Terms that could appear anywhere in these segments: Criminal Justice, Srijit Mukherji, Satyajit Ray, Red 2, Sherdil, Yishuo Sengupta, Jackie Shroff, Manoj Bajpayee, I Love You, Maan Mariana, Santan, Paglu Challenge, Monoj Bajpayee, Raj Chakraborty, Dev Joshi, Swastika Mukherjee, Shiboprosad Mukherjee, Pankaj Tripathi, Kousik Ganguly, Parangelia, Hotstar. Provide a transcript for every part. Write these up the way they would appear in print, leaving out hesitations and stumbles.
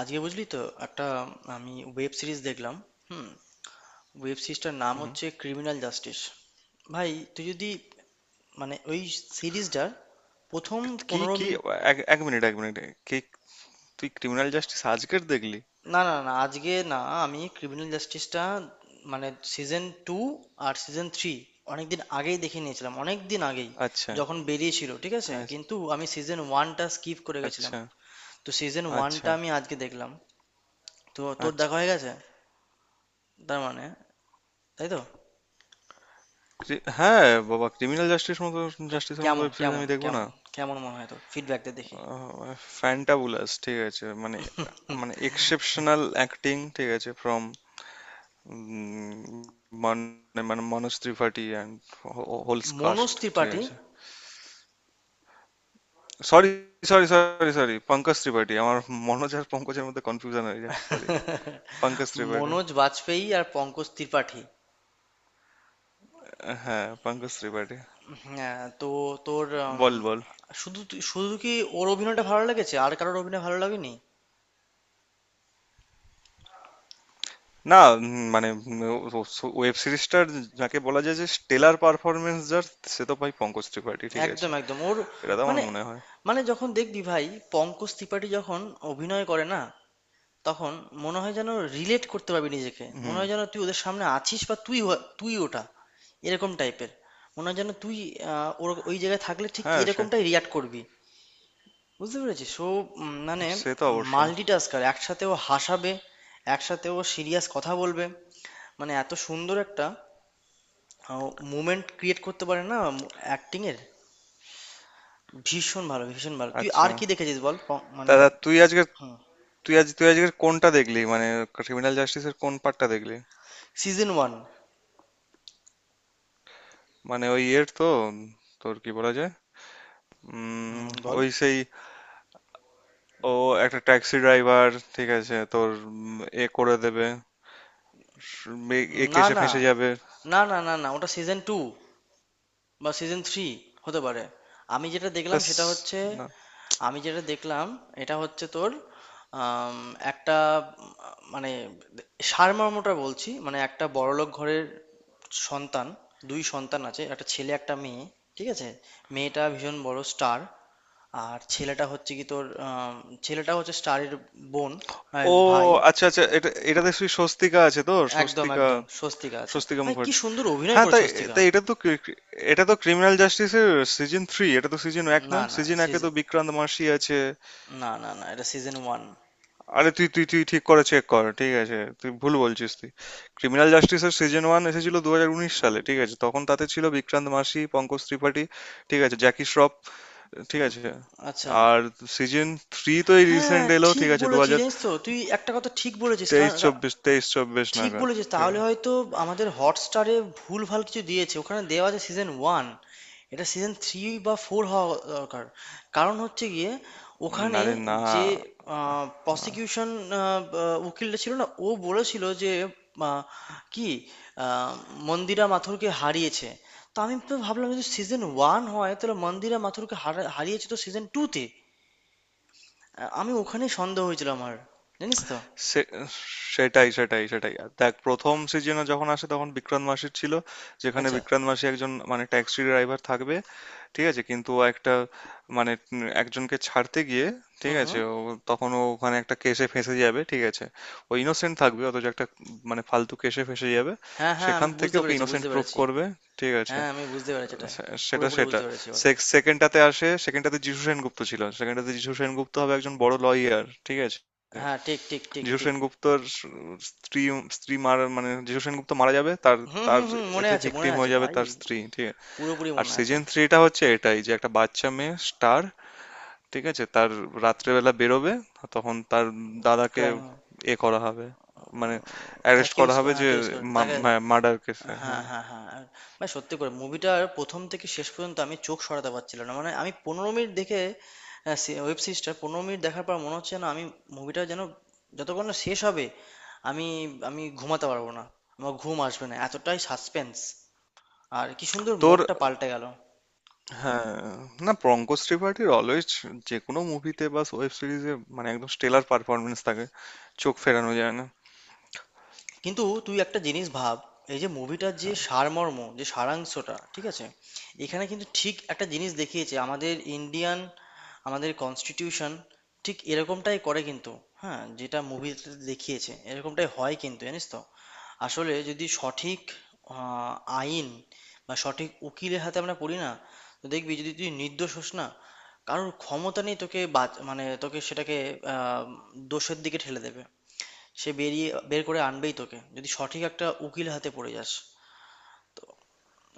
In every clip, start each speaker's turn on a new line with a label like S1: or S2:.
S1: আজকে বুঝলি তো, একটা আমি ওয়েব সিরিজ দেখলাম। হুম। ওয়েব সিরিজটার নাম
S2: হুম, হুম।
S1: হচ্ছে ক্রিমিনাল জাস্টিস। ভাই, তুই যদি ওই সিরিজটার প্রথম
S2: কি
S1: পনেরো
S2: কি?
S1: মিনিট
S2: এক এক মিনিট এক মিনিট। কি? তুই ক্রিমিনাল জাস্টিস আজকের দেখলি?
S1: না, না, না, আজকে না। আমি ক্রিমিনাল জাস্টিসটা মানে সিজন টু আর সিজন থ্রি অনেকদিন আগেই দেখে নিয়েছিলাম, অনেক দিন আগেই।
S2: আচ্ছা।
S1: যখন বেরিয়েছিল, ঠিক আছে,
S2: হ্যাঁ।
S1: কিন্তু আমি সিজন ওয়ানটা স্কিপ করে গেছিলাম।
S2: আচ্ছা।
S1: তো সিজন
S2: আচ্ছা।
S1: ওয়ানটা আমি আজকে দেখলাম। তো তোর
S2: আচ্ছা।
S1: দেখা হয়ে গেছে, তার মানে, তাই তো।
S2: হ্যাঁ। বাবা, ক্রিমিনাল জাস্টিস মতো, জাস্টিসের মতো
S1: কেমন,
S2: ওয়েব সিরিজ
S1: কেমন,
S2: আমি দেখবো না।
S1: কেমন কেমন মনে হয়? তোর ফিডব্যাক দে দেখি।
S2: ফ্যান্টাবুলাস, ঠিক আছে, মানে।
S1: হুম।
S2: মানে এক্সেপশনাল অ্যাক্টিং, ঠিক আছে, ফ্রম, মানে, Manoj Tripathi and holes
S1: Manoj
S2: cast, ঠিক
S1: ত্রিপাঠী।
S2: আছে। Sorry, sorry, sorry, sorry, Pankaj Tripathi আমার। মনোজ আর পঙ্কজের মধ্যে কনফিউশন হয়ে যায়, সরি। পঙ্কজ ত্রিপাঠী।
S1: মনোজ বাজপেয়ী আর পঙ্কজ ত্রিপাঠী।
S2: হ্যাঁ, পঙ্কজ ত্রিপাঠী।
S1: হ্যাঁ, তো তোর
S2: বল বল
S1: শুধু কি ওর অভিনয়টা ভালো লেগেছে আর কারোর অভিনয় ভালো লাগেনি?
S2: না, মানে, ওয়েব সিরিজটার যাকে বলা যায় যে স্টেলার পারফরমেন্স, যার সে তো ভাই পঙ্কজ ত্রিপাঠী, ঠিক আছে।
S1: একদম, একদম। ওর
S2: এটা তো আমার
S1: মানে,
S2: মনে হয়।
S1: মানে যখন দেখবি ভাই, পঙ্কজ ত্রিপাঠী যখন অভিনয় করে না, তখন মনে হয় যেন রিলেট করতে পারবি নিজেকে। মনে
S2: হুম।
S1: হয় যেন তুই ওদের সামনে আছিস বা তুই ওটা, এরকম টাইপের। মনে হয় যেন তুই ওই জায়গায় থাকলে ঠিক
S2: হ্যাঁ, সে।
S1: এরকমটাই রিয়াক্ট করবি, বুঝতে পেরেছিস? সো মানে,
S2: সে তো অবশ্যই।
S1: মাল্টিটাস্কার। একসাথে ও হাসাবে, একসাথে ও সিরিয়াস কথা বলবে। মানে এত সুন্দর একটা মুমেন্ট ক্রিয়েট করতে পারে না অ্যাক্টিং এর। ভীষণ ভালো, ভীষণ ভালো। তুই
S2: আচ্ছা
S1: আর কি দেখেছিস বল? মানে,
S2: দাদা, তুই আজকে
S1: হুম।
S2: তুই আজ তুই আজকে কোনটা দেখলি মানে, ক্রিমিনাল জাস্টিসের কোন পার্টটা দেখলি?
S1: Season one.
S2: মানে, ওই ইয়ের তো, তোর কি বলা যায়,
S1: হুম,
S2: উম
S1: বল।
S2: ওই সেই, ও, একটা ট্যাক্সি ড্রাইভার, ঠিক আছে, তোর এ করে দেবে, একে
S1: না,
S2: এসে
S1: না,
S2: ফেঁসে যাবে।
S1: না, না, না, না, ওটা সিজন টু বা সিজন থ্রি হতে পারে। আমি যেটা দেখলাম
S2: তাস।
S1: সেটা হচ্ছে,
S2: না।
S1: আমি যেটা দেখলাম এটা হচ্ছে তোর আম, একটা উম, মানে সারমর্মটা বলছি। মানে একটা বড়লোক ঘরের সন্তান, দুই সন্তান আছে, একটা ছেলে একটা মেয়ে, ঠিক আছে। মেয়েটা ভীষণ বড় স্টার আর ছেলেটা হচ্ছে কি তোর, ছেলেটা হচ্ছে স্টারের বোন।
S2: ও,
S1: ভাই,
S2: আচ্ছা আচ্ছা, এটা এটাতে সেই স্বস্তিকা আছে তো,
S1: একদম,
S2: স্বস্তিকা,
S1: একদম, স্বস্তিকা আছে।
S2: স্বস্তিকা
S1: ভাই কি
S2: মুখার্জি।
S1: সুন্দর অভিনয়
S2: হ্যাঁ
S1: করে
S2: তাই?
S1: স্বস্তিকা।
S2: তাই এটা তো এটা তো ক্রিমিনাল জাস্টিসের সিজন থ্রি, এটা তো সিজন এক
S1: না
S2: নয়,
S1: না
S2: সিজন একে তো
S1: সিজন
S2: বিক্রান্ত মাসি আছে।
S1: না, না, না, এটা সিজন ওয়ান।
S2: আরে, তুই তুই তুই ঠিক করে চেক কর, ঠিক আছে, তুই ভুল বলছিস তুই। ক্রিমিনাল জাস্টিসের সিজন ওয়ান এসেছিল 2019 সালে, ঠিক আছে, তখন তাতে ছিল বিক্রান্ত মাসি, পঙ্কজ ত্রিপাঠী, ঠিক আছে, জ্যাকি শ্রফ, ঠিক আছে।
S1: আচ্ছা।
S2: আর সিজন থ্রি তো এই
S1: হ্যাঁ,
S2: রিসেন্ট এলো,
S1: ঠিক
S2: ঠিক আছে, দু
S1: বলেছিস,
S2: হাজার
S1: জানিস তো? তুই একটা কথা ঠিক বলেছিস।
S2: তেইশ
S1: কারণ কা
S2: চব্বিশ, তেইশ চব্বিশ
S1: ঠিক
S2: নাগাদ,
S1: বলেছিস।
S2: ঠিক আছে।
S1: তাহলে হয়তো আমাদের Hotstar এ ভুলভাল কিছু দিয়েছে। ওখানে দেওয়া আছে সিজন 1, এটা সিজন 3 বা 4 হওয়া দরকার। কারণ হচ্ছে গিয়ে ওখানে
S2: আরে না,
S1: যে, আ প্রসিকিউশন, আ বা উকিলটা ছিল না? ও বলেছিল যে আ কি আ মন্দিরা মাথুরকে হারিয়েছে। তো আমি তো ভাবলাম যদি সিজন 1 হয় তাহলে মন্দিরা মাথুরকে হারিয়েছে তো সিজন 2 তে। আমি ওখানেই সন্দেহ হয়েছিল আমার, জানিস তো।
S2: সে- সেটাই, সেটাই, সেটাই। আর দেখ, প্রথম সিজনে যখন আসে তখন বিক্রান্ত মাসি ছিল, যেখানে
S1: আচ্ছা।
S2: বিক্রান্ত মাসি একজন মানে ট্যাক্সি ড্রাইভার থাকবে, ঠিক আছে। কিন্তু ও একটা, মানে একজনকে ছাড়তে গিয়ে,
S1: হুম,
S2: ঠিক
S1: হুম।
S2: আছে, ও, তখন ও ওখানে একটা কেসে ফেঁসে যাবে, ঠিক আছে। ও ইনোসেন্ট থাকবে, অথচ একটা মানে ফালতু কেসে ফেঁসে যাবে।
S1: হ্যাঁ, হ্যাঁ, আমি
S2: সেখান থেকে
S1: বুঝতে
S2: ওকে
S1: পেরেছি,
S2: ইনোসেন্ট
S1: বুঝতে
S2: প্রুভ
S1: পেরেছি।
S2: করবে, ঠিক আছে।
S1: হ্যাঁ, আমি বুঝতে পেরেছি এটাই।
S2: সে- সেটা
S1: পুরোপুরি
S2: সেটা
S1: বুঝতে পেরেছি এবার।
S2: সে- সেকেন্ডটাতে আসে, সেকেন্ডটাতে যীশু সেনগুপ্ত ছিল, সেকেন্ডটাতে যীশু সেনগুপ্ত হবে একজন বড় লয়ার, ঠিক আছে।
S1: হ্যাঁ, ঠিক, ঠিক, ঠিক,
S2: যীশু
S1: ঠিক।
S2: সেনগুপ্তর স্ত্রী, স্ত্রী মারা, মানে যীশু সেনগুপ্ত মারা যাবে তার,
S1: হুম,
S2: তার
S1: হুম, হুম, মনে
S2: এতে
S1: আছে, মনে
S2: ভিকটিম
S1: আছে
S2: হয়ে যাবে
S1: ভাই।
S2: তার স্ত্রী, ঠিক আছে।
S1: পুরোপুরি
S2: আর
S1: মনে আছে।
S2: সিজন থ্রিটা হচ্ছে এটাই, যে একটা বাচ্চা মেয়ে স্টার, ঠিক আছে, তার রাত্রেবেলা বেরোবে, তখন তার দাদাকে
S1: ক্রাইম।
S2: এ করা হবে, মানে অ্যারেস্ট করা
S1: অ্যাকিউজ
S2: হবে যে
S1: অ্যাকিউজ কর তাকে।
S2: মার্ডার কেসে,
S1: হ্যাঁ,
S2: হ্যাঁ।
S1: হ্যাঁ, হ্যাঁ, আর ভাই সত্যি করে মুভিটার প্রথম থেকে শেষ পর্যন্ত আমি চোখ সরাতে পারছিলাম না। মানে আমি 15 মিনিট দেখে, ওয়েব সিরিজটা 15 মিনিট দেখার পর মনে হচ্ছে না আমি মুভিটা যেন, যতক্ষণ না শেষ হবে আমি আমি ঘুমাতে পারবো না। আমার ঘুম আসবে না, এতটাই সাসপেন্স। আর কি সুন্দর
S2: তোর।
S1: মোড়টা পাল্টে গেল।
S2: হ্যাঁ। না, পঙ্কজ ত্রিপাঠীর অলওয়েজ যে কোনো মুভিতে বা ওয়েব সিরিজে মানে একদম স্টেলার পারফরমেন্স থাকে, চোখ ফেরানো যায় না।
S1: কিন্তু তুই একটা জিনিস ভাব, এই যে মুভিটার যে সারমর্ম, যে সারাংশটা, ঠিক আছে, এখানে কিন্তু ঠিক একটা জিনিস দেখিয়েছে, আমাদের ইন্ডিয়ান, আমাদের কনস্টিটিউশন ঠিক এরকমটাই করে কিন্তু। হ্যাঁ, যেটা মুভিতে দেখিয়েছে এরকমটাই হয় কিন্তু, জানিস তো। আসলে যদি সঠিক আহ, আইন বা সঠিক উকিলের হাতে আমরা পড়ি না, তো দেখবি যদি তুই নির্দোষ হোস না, কারোর ক্ষমতা নেই তোকে মানে তোকে সেটাকে আহ, দোষের দিকে ঠেলে দেবে। সে বেরিয়ে বের করে আনবেই তোকে যদি সঠিক একটা উকিল হাতে পড়ে যাস।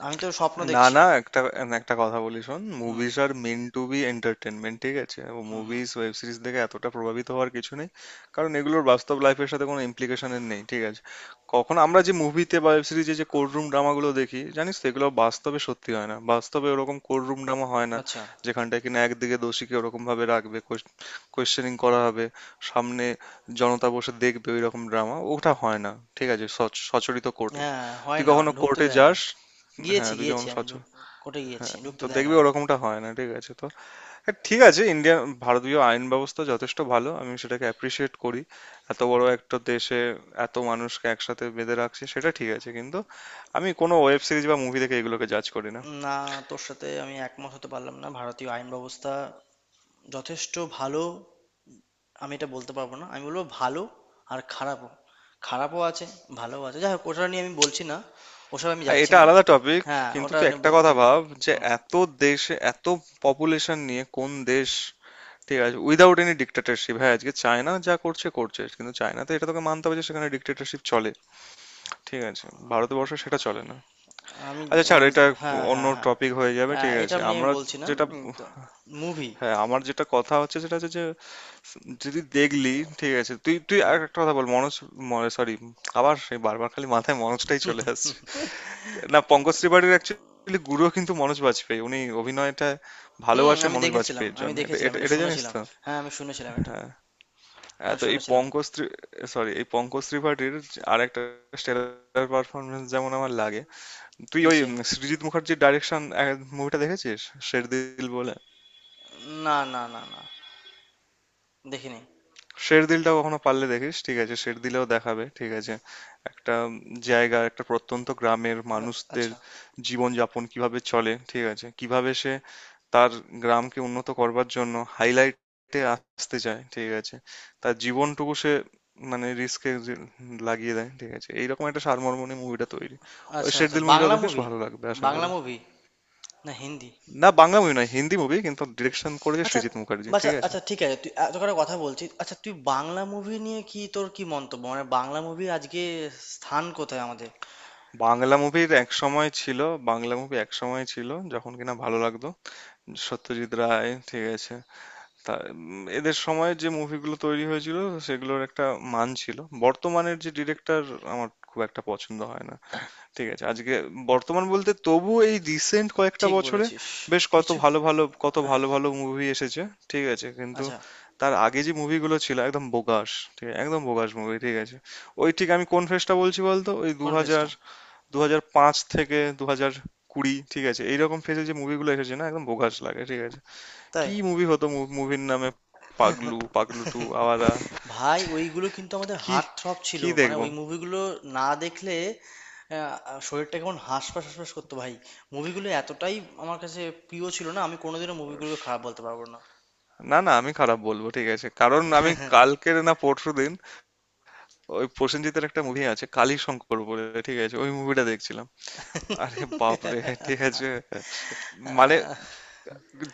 S1: আমি তো স্বপ্ন
S2: না
S1: দেখছি।
S2: না, একটা একটা কথা বলি, শোন,
S1: হুম,
S2: মুভিজ আর মেন টু বি এন্টারটেনমেন্ট, ঠিক আছে, ও
S1: হুম, হুম।
S2: মুভিজ ওয়েব সিরিজ দেখে এতটা প্রভাবিত হওয়ার কিছু নেই। কারণ এগুলোর বাস্তব লাইফের সাথে কোনো ইমপ্লিকেশনের নেই, ঠিক আছে। কখন আমরা যে মুভিতে বা ওয়েব সিরিজে যে কোর্টরুম ড্রামাগুলো দেখি, জানিস তো, এগুলো বাস্তবে সত্যি হয় না, বাস্তবে ওরকম কোর্টরুম ড্রামা হয় না,
S1: আচ্ছা।
S2: যেখানটায় কিনা একদিকে দোষীকে ওরকম ভাবে রাখবে, কোয়েশ্চেনিং করা হবে, সামনে জনতা বসে দেখবে ওইরকম ড্রামা, ওটা হয় না, ঠিক আছে, সচরিত কোর্টে।
S1: হ্যাঁ, হয়
S2: তুই
S1: না,
S2: কখনো
S1: ঢুকতে
S2: কোর্টে
S1: দেয় না।
S2: যাস?
S1: গিয়েছি,
S2: হ্যাঁ, তুই
S1: গিয়েছি
S2: যেমন
S1: আমি,
S2: সচেতন।
S1: কোর্টে গিয়েছি,
S2: হ্যাঁ,
S1: ঢুকতে
S2: তো
S1: দেয়
S2: দেখবি
S1: না।
S2: ওরকমটা হয় না, ঠিক আছে, তো হ্যাঁ, ঠিক আছে, ইন্ডিয়ান ভারতীয় আইন ব্যবস্থা যথেষ্ট ভালো, আমি সেটাকে অ্যাপ্রিসিয়েট করি। এত বড় একটা দেশে এত মানুষকে একসাথে বেঁধে রাখছে সেটা, ঠিক আছে, কিন্তু আমি কোনো ওয়েব সিরিজ বা মুভি দেখে এগুলোকে জাজ করি না।
S1: না, তোর সাথে আমি একমত হতে পারলাম না। ভারতীয় আইন ব্যবস্থা যথেষ্ট ভালো, আমি এটা বলতে পারবো না। আমি বলবো ভালো আর খারাপও, খারাপও আছে, ভালোও আছে। যাই হোক, ওটা নিয়ে আমি বলছি না, ওসব আমি
S2: হ্যাঁ,
S1: যাচ্ছি
S2: এটা
S1: না।
S2: আলাদা টপিক।
S1: হ্যাঁ,
S2: কিন্তু
S1: ওটা
S2: তুই
S1: নিয়ে
S2: একটা
S1: বলছি।
S2: কথা ভাব, যে
S1: হুম।
S2: এত দেশে এত পপুলেশন নিয়ে কোন দেশ, ঠিক আছে, উইদাউট এনি ডিক্টেটরশিপ। হ্যাঁ, আজকে চায়না যা করছে করছে, কিন্তু চায়নাতে এটা তোকে মানতে হবে যে সেখানে ডিক্টেটরশিপ চলে, ঠিক আছে। ভারতবর্ষে সেটা চলে না।
S1: আমি
S2: আচ্ছা
S1: আমি
S2: ছাড়
S1: বুঝ,
S2: এটা,
S1: হ্যাঁ,
S2: অন্য
S1: হ্যাঁ, হ্যাঁ।
S2: টপিক হয়ে যাবে, ঠিক
S1: এটা
S2: আছে।
S1: আপনি আমি
S2: আমরা
S1: বলছি না।
S2: যেটা,
S1: তো মুভি।
S2: হ্যাঁ, আমার যেটা কথা হচ্ছে সেটা হচ্ছে যে, যদি দেখলি, ঠিক আছে, তুই তুই আর
S1: হুম।
S2: একটা কথা বল, মনোজ মনে, সরি, আবার সেই বারবার খালি মাথায় মনোজটাই চলে আসছে। না পঙ্কজ ত্রিপাঠীর অ্যাকচুয়ালি গুরু কিন্তু মনোজ বাজপেয়ী, উনি অভিনয়টা
S1: হুম।
S2: ভালোবাসে
S1: আমি
S2: মনোজ
S1: দেখেছিলাম
S2: বাজপেয়ীর
S1: আমি
S2: জন্য, এটা
S1: দেখেছিলাম
S2: এটা
S1: এটা
S2: এটা জানিস
S1: শুনেছিলাম।
S2: তো।
S1: হ্যাঁ, আমি শুনেছিলাম এটা।
S2: হ্যাঁ, হ্যাঁ,
S1: আমি
S2: তো এই
S1: শুনেছিলাম।
S2: পঙ্কজ, সরি, এই পঙ্কজ ত্রিপাঠীর আর একটা স্টেলার পারফরমেন্স যেমন আমার লাগে, তুই ওই
S1: কিসে?
S2: সৃজিত মুখার্জির ডাইরেকশন মুভিটা দেখেছিস শেরদিল বলে?
S1: না, না, না, না, দেখিনি।
S2: শেরদিলটা কখনো পারলে দেখিস, ঠিক আছে, শেরদিলেও দেখাবে, ঠিক আছে, একটা জায়গা, একটা প্রত্যন্ত গ্রামের মানুষদের
S1: আচ্ছা।
S2: জীবনযাপন কিভাবে চলে, ঠিক আছে, কিভাবে সে তার গ্রামকে উন্নত করবার জন্য হাইলাইটে আসতে চায়, ঠিক আছে, তার জীবনটুকু সে মানে রিস্কে লাগিয়ে দেয়, ঠিক আছে, এইরকম একটা সারমর্ম নিয়ে মুভিটা তৈরি। ওই
S1: আচ্ছা, আচ্ছা,
S2: শেরদিল মুভিটা
S1: বাংলা
S2: দেখিস,
S1: মুভি?
S2: ভালো লাগবে আশা
S1: বাংলা
S2: করি।
S1: মুভি না হিন্দি?
S2: না বাংলা মুভি নয়, হিন্দি মুভি, কিন্তু
S1: আচ্ছা।
S2: ডিরেকশন করেছে
S1: আচ্ছা।
S2: সৃজিত মুখার্জি,
S1: আচ্ছা,
S2: ঠিক আছে।
S1: আচ্ছা, ঠিক আছে। তুই এত করে কথা বলছিস, আচ্ছা তুই বাংলা মুভি নিয়ে কি, তোর কি মন্তব্য, মানে বাংলা মুভি আজকে স্থান কোথায় আমাদের?
S2: বাংলা মুভির এক সময় ছিল, বাংলা মুভি এক সময় ছিল যখন কিনা ভালো লাগতো, সত্যজিৎ রায়, ঠিক আছে। তা এদের সময় যে মুভিগুলো তৈরি হয়েছিল সেগুলোর একটা মান ছিল। বর্তমানের যে ডিরেক্টর, আমার খুব একটা পছন্দ হয় না, ঠিক আছে। আজকে বর্তমান বলতে তবু এই রিসেন্ট কয়েকটা
S1: ঠিক
S2: বছরে
S1: বলেছিস।
S2: বেশ কত
S1: কিছু।
S2: ভালো ভালো, কত ভালো ভালো মুভি এসেছে, ঠিক আছে, কিন্তু
S1: আচ্ছা।
S2: তার আগে যে মুভিগুলো ছিল একদম বোগাস, ঠিক আছে, একদম বোগাস মুভি, ঠিক আছে। ওই ঠিক আমি কোন ফেজটা বলছি বলতো, ওই দু হাজার
S1: কনফেসটা?
S2: 2005 থেকে 2020, ঠিক আছে, এইরকম ফেজে যে মুভিগুলো এসেছে না একদম বোগাস লাগে, ঠিক আছে।
S1: তাই?
S2: কি মুভি হতো, মুভির নামে পাগলু, পাগলু টু, আওয়ারা।
S1: ভাই, ওইগুলো কিন্তু আমাদের
S2: কি
S1: হার্ট থ্রব ছিল,
S2: কি
S1: মানে
S2: দেখবো?
S1: ওই মুভিগুলো না দেখলে শরীরটা কেমন হাঁসফাঁস হাঁসফাঁস করতো ভাই। মুভিগুলো এতটাই আমার কাছে প্রিয় ছিল, না আমি কোনোদিনও মুভিগুলোকে খারাপ বলতে পারবো না।
S2: না না, আমি খারাপ বলবো, ঠিক আছে, কারণ আমি কালকের না, পরশু দিন, ওই প্রসেনজিতের একটা মুভি আছে কালীশঙ্কর বলে, ঠিক আছে, ওই মুভিটা দেখছিলাম। আরে বাপরে, ঠিক আছে, মানে,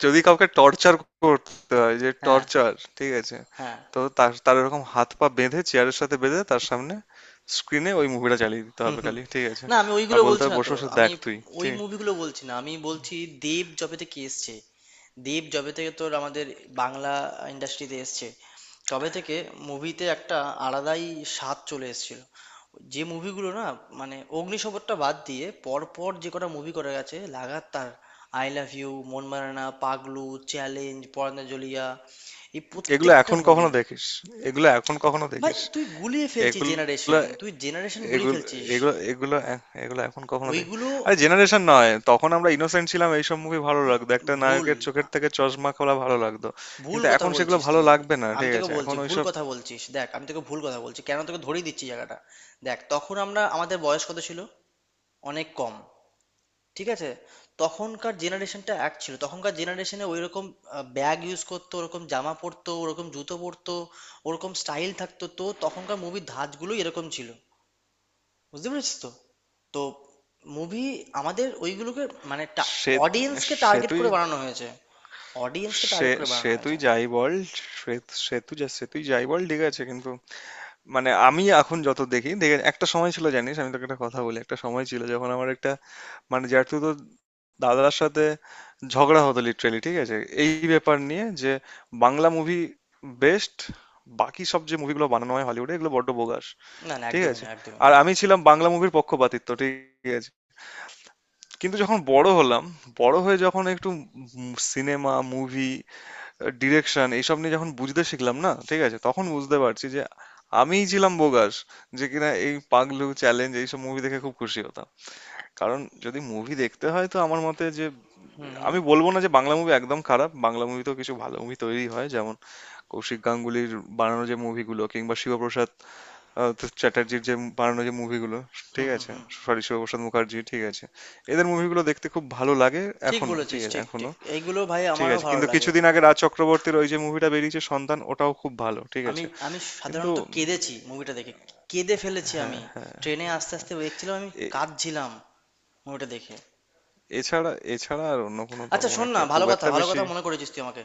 S2: যদি কাউকে টর্চার করতে হয়, যে
S1: হ্যাঁ,
S2: টর্চার, ঠিক আছে,
S1: হ্যাঁ।
S2: তো তার তার এরকম হাত পা বেঁধে চেয়ারের সাথে বেঁধে তার সামনে স্ক্রিনে ওই মুভিটা চালিয়ে দিতে
S1: হুম,
S2: হবে
S1: হুম।
S2: খালি, ঠিক আছে,
S1: না, আমি
S2: আর
S1: ওইগুলো
S2: বলতে
S1: বলছি
S2: হবে
S1: না,
S2: বসে
S1: তো
S2: বসে
S1: আমি
S2: দেখ তুই
S1: ওই
S2: ঠিক।
S1: মুভিগুলো বলছি না, আমি বলছি দেব যবে থেকে এসছে, দেব যবে থেকে তোর আমাদের বাংলা ইন্ডাস্ট্রিতে এসছে, তবে থেকে মুভিতে একটা আলাদাই স্বাদ চলে এসেছিল। যে মুভিগুলো না, মানে অগ্নিশপথটা বাদ দিয়ে পরপর যে কটা মুভি করে গেছে লাগাতার, আই লাভ ইউ, মন মারানা, পাগলু, চ্যালেঞ্জ, পরাঞ্জলিয়া, এই
S2: এগুলো
S1: প্রত্যেকটা
S2: এখন কখনো
S1: মুভি।
S2: দেখিস এগুলো এখন কখনো
S1: ভাই
S2: দেখিস
S1: তুই গুলিয়ে ফেলছিস,
S2: এগুলো
S1: জেনারেশন তুই জেনারেশন গুলিয়ে
S2: এগুলো
S1: ফেলছিস।
S2: এগুলো এগুলো এ- এগুলো এখন কখনো দেখ।
S1: ওইগুলো,
S2: আরে জেনারেশন নয়, তখন আমরা ইনোসেন্ট ছিলাম, এইসব মুভি ভালো লাগতো, একটা
S1: ভুল,
S2: নায়কের চোখের
S1: আ-
S2: থেকে চশমা খোলা ভালো লাগতো,
S1: ভুল
S2: কিন্তু
S1: কথা
S2: এখন সেগুলো
S1: বলছিস
S2: ভালো
S1: তুই।
S2: লাগবে না,
S1: আমি
S2: ঠিক
S1: তোকে
S2: আছে,
S1: বলছি
S2: এখন
S1: ভুল
S2: ওইসব।
S1: কথা বলছিস, দেখ আমি তোকে ভুল কথা বলছি কেন তোকে ধরিয়ে দিচ্ছি জায়গাটা। দেখ, তখন আমরা, আমাদের বয়স কত ছিল, অনেক কম, ঠিক আছে। তখনকার জেনারেশনটা এক ছিল, তখনকার জেনারেশনে ওইরকম ব্যাগ ইউজ করতো, ওরকম জামা পরতো, ওরকম জুতো পরতো, ওরকম স্টাইল থাকতো, তো তখনকার মুভির ধাঁচগুলো এরকম ছিল, বুঝতে পেরেছিস তো? তো মুভি আমাদের ওইগুলোকে মানে
S2: সে
S1: অডিয়েন্সকে
S2: সে
S1: টার্গেট
S2: তুই
S1: করে বানানো হয়েছে, অডিয়েন্সকে
S2: সে
S1: টার্গেট করে
S2: সে
S1: বানানো
S2: তুই
S1: হয়েছে।
S2: যাই বল সে সে তুই যা সে তুই যাই বল, ঠিক আছে, কিন্তু মানে আমি এখন যত দেখি, দেখে একটা সময় ছিল জানিস, আমি তোকে একটা কথা বলি, একটা সময় ছিল যখন আমার একটা মানে, যেহেতু তো দাদার সাথে ঝগড়া হতো লিটারেলি, ঠিক আছে, এই ব্যাপার নিয়ে, যে বাংলা মুভি বেস্ট, বাকি সব যে মুভিগুলো বানানো হয় হলিউডে এগুলো বড্ড বোগাস,
S1: না, না,
S2: ঠিক
S1: একদমই
S2: আছে,
S1: না, একদমই না।
S2: আর আমি ছিলাম বাংলা মুভির পক্ষপাতিত্ব, ঠিক আছে। কিন্তু যখন বড় হলাম, বড় হয়ে যখন একটু সিনেমা, মুভি, ডিরেকশন এইসব নিয়ে যখন বুঝতে শিখলাম না, ঠিক আছে, তখন বুঝতে পারছি যে আমিই ছিলাম বোগাস, যে কিনা এই পাগলু চ্যালেঞ্জ এইসব মুভি দেখে খুব খুশি হতাম। কারণ যদি মুভি দেখতে হয় তো আমার মতে যে,
S1: হুম, হুম,
S2: আমি বলবো না যে বাংলা মুভি একদম খারাপ, বাংলা মুভিতেও কিছু ভালো মুভি তৈরি হয় যেমন কৌশিক গাঙ্গুলির বানানো যে মুভিগুলো, কিংবা শিবপ্রসাদ, তো চ্যাটার্জির যে বানানো যে মুভিগুলো,
S1: হুম,
S2: ঠিক
S1: হুম,
S2: আছে,
S1: হুম।
S2: সরি শিবপ্রসাদ মুখার্জি, ঠিক আছে, এদের মুভিগুলো দেখতে খুব ভালো লাগে
S1: ঠিক
S2: এখনো, ঠিক
S1: বলেছিস,
S2: আছে,
S1: ঠিক, ঠিক,
S2: এখনো
S1: এইগুলো ভাই
S2: ঠিক
S1: আমারও
S2: আছে।
S1: ভালো
S2: কিন্তু
S1: লাগে।
S2: কিছুদিন আগে রাজ চক্রবর্তীর ওই যে মুভিটা বেরিয়েছে সন্তান, ওটাও খুব ভালো, ঠিক
S1: আমি
S2: আছে।
S1: আমি
S2: কিন্তু
S1: সাধারণত কেঁদেছি মুভিটা দেখে, কেঁদে ফেলেছি আমি।
S2: হ্যাঁ,
S1: ট্রেনে আস্তে আস্তে দেখছিলাম, আমি
S2: এ-
S1: কাঁদছিলাম মুভিটা দেখে।
S2: এছাড়া এছাড়া আর অন্য কোনো
S1: আচ্ছা,
S2: তেমন
S1: শোন না,
S2: একটা
S1: ভালো
S2: খুব
S1: কথা,
S2: একটা
S1: ভালো
S2: বেশি।
S1: কথা মনে করেছিস তুই আমাকে।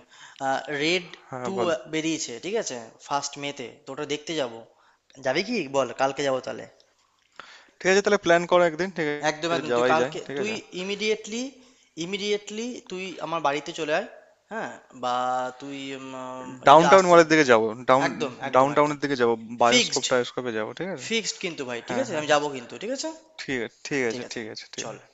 S1: রেড
S2: হ্যাঁ
S1: টু
S2: বল।
S1: বেরিয়েছে, ঠিক আছে, ফার্স্ট মেতে তো ওটা দেখতে যাব। যাবি কি বল? কালকে যাবো তাহলে?
S2: ঠিক আছে, তাহলে প্ল্যান করো একদিন, ঠিক
S1: একদম,
S2: আছে,
S1: একদম। তুই
S2: যাওয়াই যায়,
S1: কালকে
S2: ঠিক
S1: তুই
S2: আছে।
S1: ইমিডিয়েটলি, ইমিডিয়েটলি তুই আমার বাড়িতে চলে আয়। হ্যাঁ, বা তুই যদি
S2: ডাউনটাউন
S1: আসতে না,
S2: মলের দিকে যাবো, ডাউন,
S1: একদম, একদম, একদম
S2: ডাউনটাউনের দিকে যাবো, বায়োস্কোপ
S1: ফিক্সড,
S2: টায়োস্কোপে যাবো, ঠিক আছে।
S1: ফিক্সড কিন্তু ভাই। ঠিক
S2: হ্যাঁ,
S1: আছে,
S2: হ্যাঁ,
S1: আমি
S2: হ্যাঁ,
S1: যাবো কিন্তু, ঠিক আছে।
S2: ঠিক আছে, ঠিক
S1: ঠিক
S2: আছে,
S1: আছে
S2: ঠিক আছে, ঠিক
S1: চল।
S2: আছে।